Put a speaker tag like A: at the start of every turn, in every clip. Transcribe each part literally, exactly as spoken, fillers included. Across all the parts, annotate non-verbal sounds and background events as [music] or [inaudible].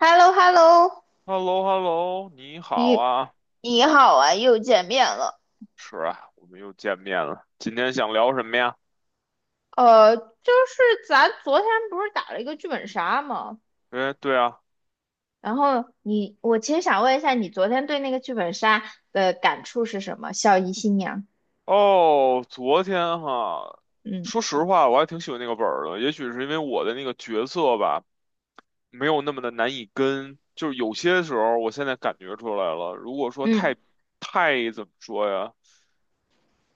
A: h e l l o h e l l o
B: h e l l o h e l l o 你好
A: 你
B: 啊，
A: 你好啊，又见面了。
B: 是啊，我们又见面了。今天想聊什么呀？
A: 呃，就是咱昨天不是打了一个剧本杀吗？
B: 哎，对啊，
A: 然后你，我其实想问一下，你昨天对那个剧本杀的感触是什么？孝仪新娘，
B: 哦，昨天哈，
A: 嗯
B: 说实话，我还挺喜欢那个本儿的。也许是因为我的那个角色吧，没有那么的难以跟，就是有些时候，我现在感觉出来了。如果说
A: 嗯
B: 太太怎么说呀，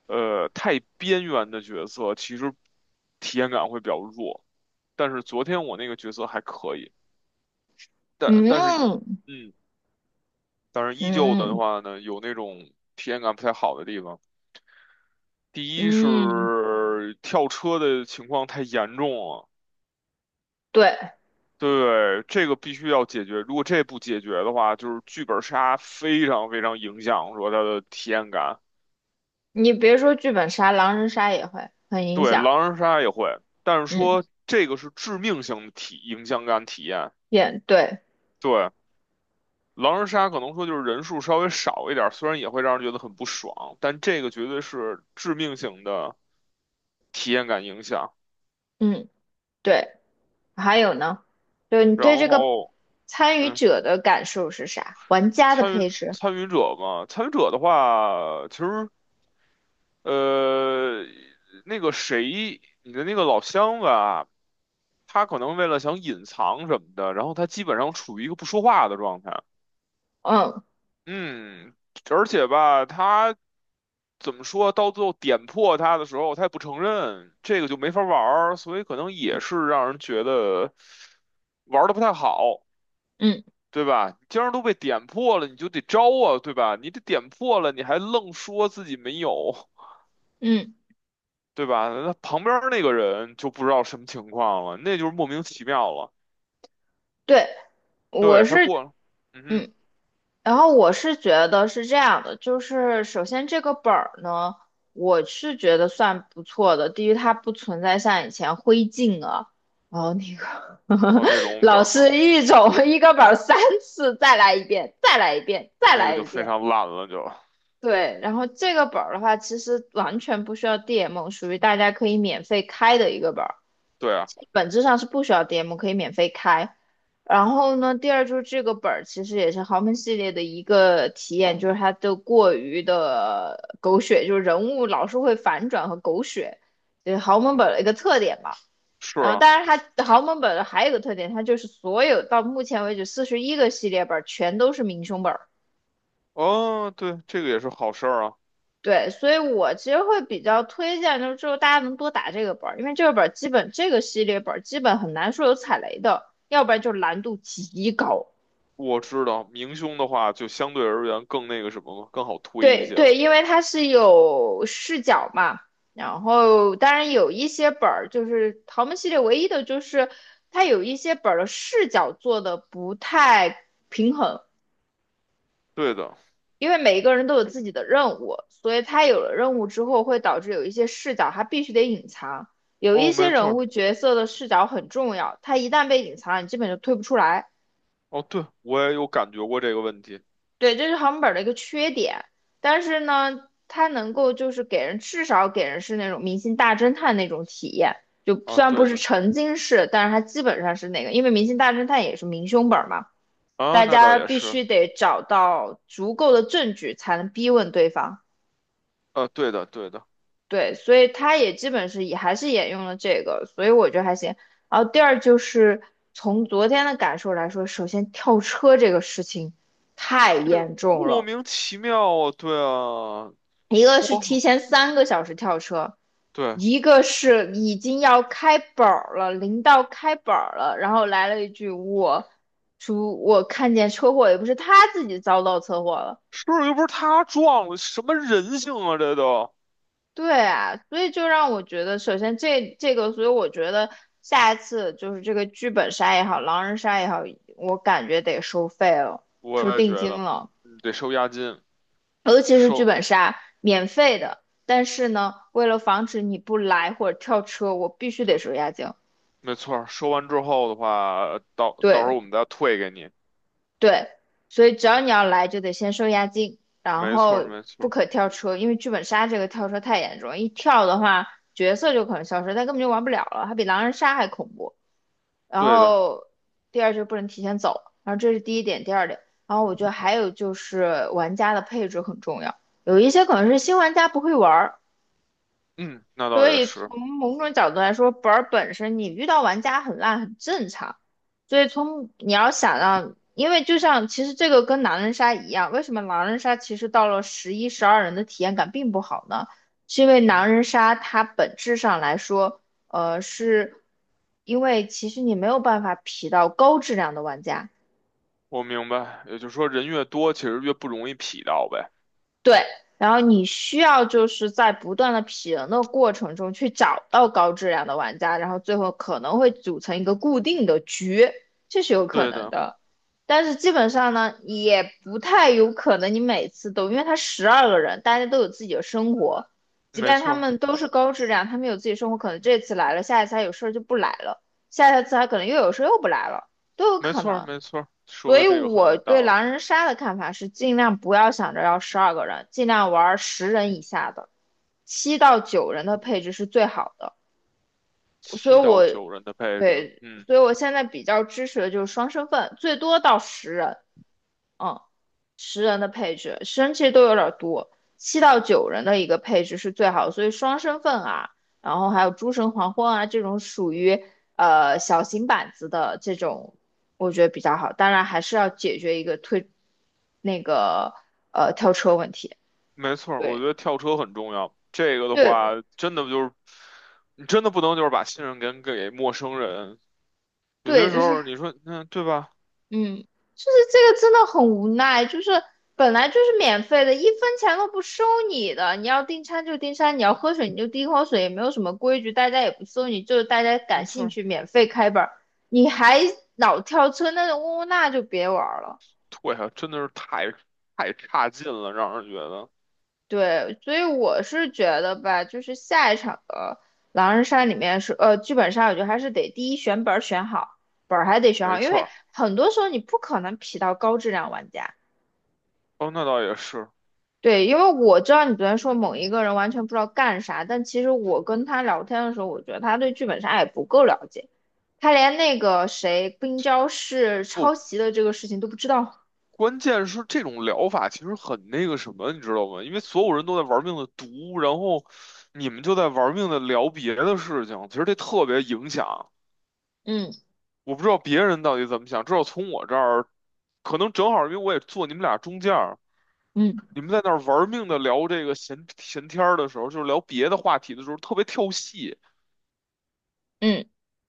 B: 呃，太边缘的角色，其实体验感会比较弱。但是昨天我那个角色还可以，但但是一。
A: 嗯
B: 嗯。但是依旧的
A: 嗯
B: 话呢，有那种体验感不太好的地方。第一是
A: 嗯，
B: 跳车的情况太严重了，
A: 对，
B: 对，这个必须要解决。如果这不解决的话，就是剧本杀非常非常影响说它的体验感。
A: 你别说剧本杀，狼人杀也会很影
B: 对，
A: 响。
B: 狼人杀也会，但是
A: 嗯，
B: 说这个是致命性的体影响感体验。
A: 也对，
B: 对，狼人杀可能说就是人数稍微少一点儿，虽然也会让人觉得很不爽，但这个绝对是致命性的体验感影响。
A: 嗯对。还有呢，就你
B: 然
A: 对这个
B: 后
A: 参与
B: 嗯，
A: 者的感受是啥？玩家的
B: 参与
A: 配置，
B: 参与者嘛，参与者的话，其实呃，那个谁，你的那个老乡吧，他可能为了想隐藏什么的，然后他基本上处于一个不说话的状态。
A: 嗯
B: 嗯，而且吧，他怎么说，到最后点破他的时候，他也不承认，这个就没法玩儿所以可能也是让人觉得玩的不太好。
A: 嗯
B: 对吧？既然都被点破了，你就得招啊，对吧？你得点破了，你还愣说自己没有，
A: 嗯，
B: 对吧？那旁边那个人就不知道什么情况了，那就是莫名其妙了。
A: 对，我
B: 对，他
A: 是
B: 过了，嗯哼，
A: 嗯，然后我是觉得是这样的，就是首先这个本儿呢，我是觉得算不错的。第一，它不存在像以前灰烬啊，然后那个 [laughs]
B: 哦，那种本
A: 老
B: 儿嘛，
A: 师一种一个本儿三次，再来一遍，再来一遍，再
B: 那个
A: 来
B: 就
A: 一
B: 非
A: 遍。
B: 常烂了，就
A: 对，然后这个本儿的话，其实完全不需要 D M，属于大家可以免费开的一个本儿，
B: 对啊，
A: 本质上是不需要 D M，可以免费开。然后呢，第二就是这个本儿其实也是豪门系列的一个体验，就是它的过于的狗血，就是人物老是会反转和狗血，就是豪门
B: 嗯，
A: 本儿的一个特点吧。
B: 是
A: 然后，
B: 啊，
A: 当然它豪门本儿还有一个特点，它就是所有到目前为止四十一个系列本儿全都是明凶本。
B: 哦，对，这个也是好事儿啊。
A: 对，所以我其实会比较推荐，就是之后大家能多打这个本儿，因为这个本儿基本这个系列本儿基本很难说有踩雷的，要不然就难度极高。
B: 我知道明凶的话，就相对而言更那个什么了，更好推一
A: 对
B: 些
A: 对，
B: 了。
A: 因为它是有视角嘛，然后当然有一些本儿就是豪门系列唯一的就是它有一些本儿的视角做的不太平衡，
B: 对的，
A: 因为每一个人都有自己的任务，所以他有了任务之后，会导致有一些视角他必须得隐藏，有一
B: 哦，
A: 些
B: 没错
A: 人
B: 儿，
A: 物角色的视角很重要，他一旦被隐藏了，你基本就推不出来。
B: 哦，对，我也有感觉过这个问题
A: 对，这是航本的一个缺点，但是呢，它能够就是给人至少给人是那种明星大侦探那种体验，就
B: 啊，
A: 虽然不
B: 对
A: 是
B: 的。
A: 沉浸式，但是它基本上是那个，因为明星大侦探也是明凶本嘛，
B: 啊，
A: 大
B: 那倒
A: 家
B: 也
A: 必
B: 是，
A: 须得找到足够的证据才能逼问对方。
B: 啊，对的，对的，
A: 对，所以他也基本是也还是沿用了这个，所以我觉得还行。然后第二就是从昨天的感受来说，首先跳车这个事情太严重
B: 莫
A: 了，
B: 名其妙啊，对啊，
A: 一个
B: 说
A: 是提
B: 嘛，
A: 前三个小时跳车，
B: 对，
A: 一个是已经要开板儿了，临到开板儿了，然后来了一句我，说我看见车祸，也不是他自己遭到车祸了，
B: 是不是又不是他撞了，什么人性啊，这都，
A: 对啊，所以就让我觉得，首先这这个，所以我觉得下一次就是这个剧本杀也好，狼人杀也好，我感觉得收费了，收
B: 我也觉
A: 定金
B: 得，
A: 了，
B: 嗯得收押金，
A: 尤其是剧
B: 收，
A: 本杀，免费的，但是呢，为了防止你不来或者跳车，我必须得
B: 对，
A: 收押金。
B: 没错儿收完之后的话，到到时候
A: 对
B: 我们再退给你，
A: 对，所以只要你要来，就得先收押金，然
B: 没错儿
A: 后
B: 没错
A: 不
B: 儿
A: 可跳车，因为剧本杀这个跳车太严重，一跳的话，角色就可能消失，他根本就玩不了了，它比狼人杀还恐怖。然
B: 对的，
A: 后第二就是不能提前走，然后这是第一点，第二点，然后我觉得还有就是玩家的配置很重要，有一些可能是新玩家不会玩，
B: 嗯，那倒
A: 所
B: 也
A: 以
B: 是，
A: 从某种角度来说，本儿本身你遇到玩家很烂很正常。所以从你要想让，因为就像其实这个跟狼人杀一样，为什么狼人杀其实到了十一、十二人的体验感并不好呢？是因为狼
B: 嗯，
A: 人杀它本质上来说，呃，是因为其实你没有办法匹到高质量的玩家。
B: 我明白，也就是说人越多，其实越不容易匹到呗，
A: 对，然后你需要就是在不断的匹人的过程中去找到高质量的玩家，然后最后可能会组成一个固定的局，这是有可
B: 对
A: 能
B: 的，
A: 的。但是基本上呢，也不太有可能你每次都，因为他十二个人，大家都有自己的生活，即
B: 没
A: 便
B: 错
A: 他
B: 儿
A: 们都是高质量，他们有自己生活，可能这次来了，下一次他有事儿就不来了，下一次他可能又有事儿又不来了，都有
B: 没
A: 可
B: 错儿
A: 能。
B: 没错儿说
A: 所以
B: 的这个很
A: 我
B: 有
A: 对
B: 道理。
A: 狼人杀的看法是，尽量不要想着要十二个人，尽量玩十人以下的，七到九人的配置是最好的。所以
B: 七到
A: 我，
B: 九人的配置，
A: 对，
B: 嗯，
A: 所以我现在比较支持的就是双身份，最多到十人。嗯，十人的配置，十人其实都有点儿多，七到九人的一个配置是最好的所以双身份啊，然后还有诸神黄昏啊这种属于呃小型板子的这种，我觉得比较好。当然还是要解决一个推那个呃跳车问题。
B: 没错儿，我觉
A: 对，
B: 得跳车很重要。这个的话，
A: 对
B: 真的就是你真的不能就是把信任给给陌生人。有些时
A: 对，
B: 候你说，嗯，对吧？
A: 嗯，就是这个真的很无奈，就是本来就是免费的，一分钱都不收你的，你要订餐就订餐，你要喝水你就订口水，也没有什么规矩，大家也不收你，就是大家感
B: 没错
A: 兴
B: 儿，
A: 趣免费开本儿，你还老跳车那种呜呜那就别玩儿了。
B: 对呀，真的是太太差劲了，让人觉得
A: 对，所以我是觉得吧，就是下一场的狼人杀里面是呃剧本杀，我觉得还是得第一选本儿选好，本儿还得选
B: 没
A: 好，因
B: 错
A: 为
B: 儿。
A: 很多时候你不可能匹到高质量玩家。
B: 哦，那倒也是。
A: 对，因为我知道你昨天说某一个人完全不知道干啥，但其实我跟他聊天的时候，我觉得他对剧本杀也不够了解，他连那个谁冰娇是抄
B: 不，
A: 袭的这个事情都不知道。
B: 关键是这种疗法其实很那个什么，你知道吗？因为所有人都在玩命的读，然后你们就在玩命的聊别的事情，其实这特别影响。
A: 嗯
B: 我不知道别人到底怎么想，至少从我这儿，可能正好因为我也坐你们俩中间儿，
A: 嗯
B: 你们在那儿玩命的聊这个闲闲天儿的时候，就是聊别的话题的时候，特别跳戏，
A: 嗯，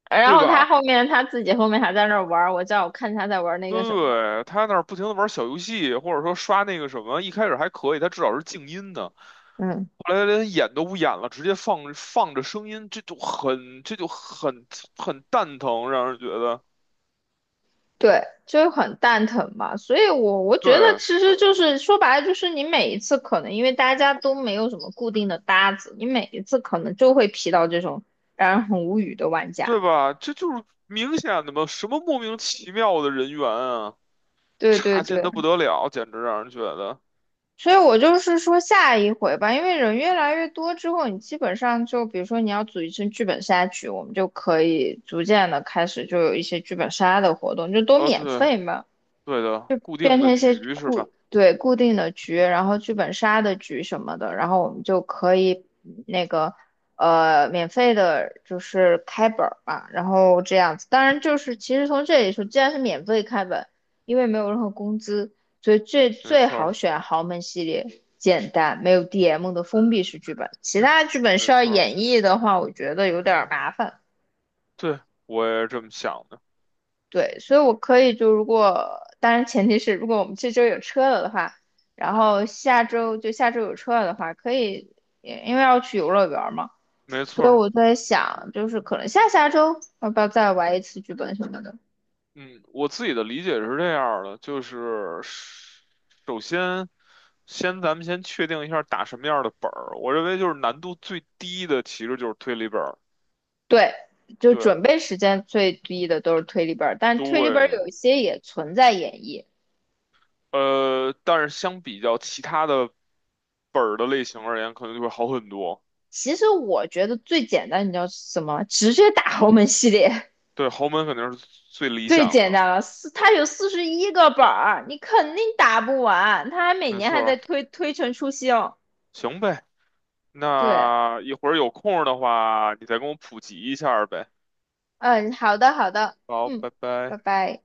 A: 然
B: 对
A: 后他
B: 吧？
A: 后面他自己后面还在那儿玩儿，我叫我看他在玩儿那个什么，
B: 对，他那儿不停的玩小游戏，或者说刷那个什么，一开始还可以，他至少是静音的，
A: 嗯。
B: 后来他连演都不演了，直接放放着声音，这就很这就很很蛋疼，让人觉得，
A: 对，就是很蛋疼嘛，所以我我觉得
B: 对
A: 其实就是说白了，就是你每一次可能因为大家都没有什么固定的搭子，你每一次可能就会劈到这种让人很无语的玩家。
B: 对吧？这就是明显的嘛，什么莫名其妙的人员啊！
A: 对对
B: 差劲
A: 对，
B: 的不得了，简直让人觉得，
A: 所以我就是说下一回吧，因为人越来越多之后，你基本上就比如说你要组一次剧本杀局，我们就可以逐渐的开始就有一些剧本杀的活动，就都
B: 哦，
A: 免
B: 对，
A: 费嘛。
B: 对的，固定
A: 变
B: 的
A: 成一些
B: 局是吧？
A: 固，对，固定的局，然后剧本杀的局什么的，然后我们就可以那个呃免费的，就是开本儿嘛，然后这样子。当然就是其实从这里说，既然是免费开本，因为没有任何工资，所以最
B: 没
A: 最
B: 错儿，
A: 好选豪门系列。简单，没有 D M 的封闭式剧本，其他剧本需
B: 没
A: 要
B: 错儿，
A: 演绎的话，我觉得有点儿麻烦。
B: 对，我也是这么想的，
A: 对，所以我可以就如果，当然前提是如果我们这周有车了的话，然后下周就下周有车了的话，可以，也因为要去游乐园儿嘛，
B: 没
A: 所
B: 错
A: 以
B: 儿。
A: 我在想，就是可能下下周要不要再玩一次剧本什么的。
B: 嗯，我自己的理解是这样儿的，就是首先，先咱们先确定一下打什么样儿的本儿。我认为就是难度最低的其实就是推理本儿，
A: 对，就
B: 对
A: 准备时间最低的都是推理本儿，但推理本儿
B: 对，
A: 有一些也存在演绎。
B: 呃，但是相比较其他的本儿的类型而言，可能就会好很多。
A: 其实我觉得最简单，你知道是什么？直接打豪门系列。
B: 对，豪门肯定是最理
A: 最
B: 想
A: 简
B: 的，
A: 单了，四，它有四十一个本儿，你肯定打不完。它还每
B: 没
A: 年还
B: 错。
A: 在推推陈出新。
B: 行呗，
A: 对，
B: 那一会儿有空儿的话，你再跟我普及一下儿呗。
A: 嗯，好的，好的，
B: 好，
A: 嗯，
B: 拜
A: 拜
B: 拜。
A: 拜。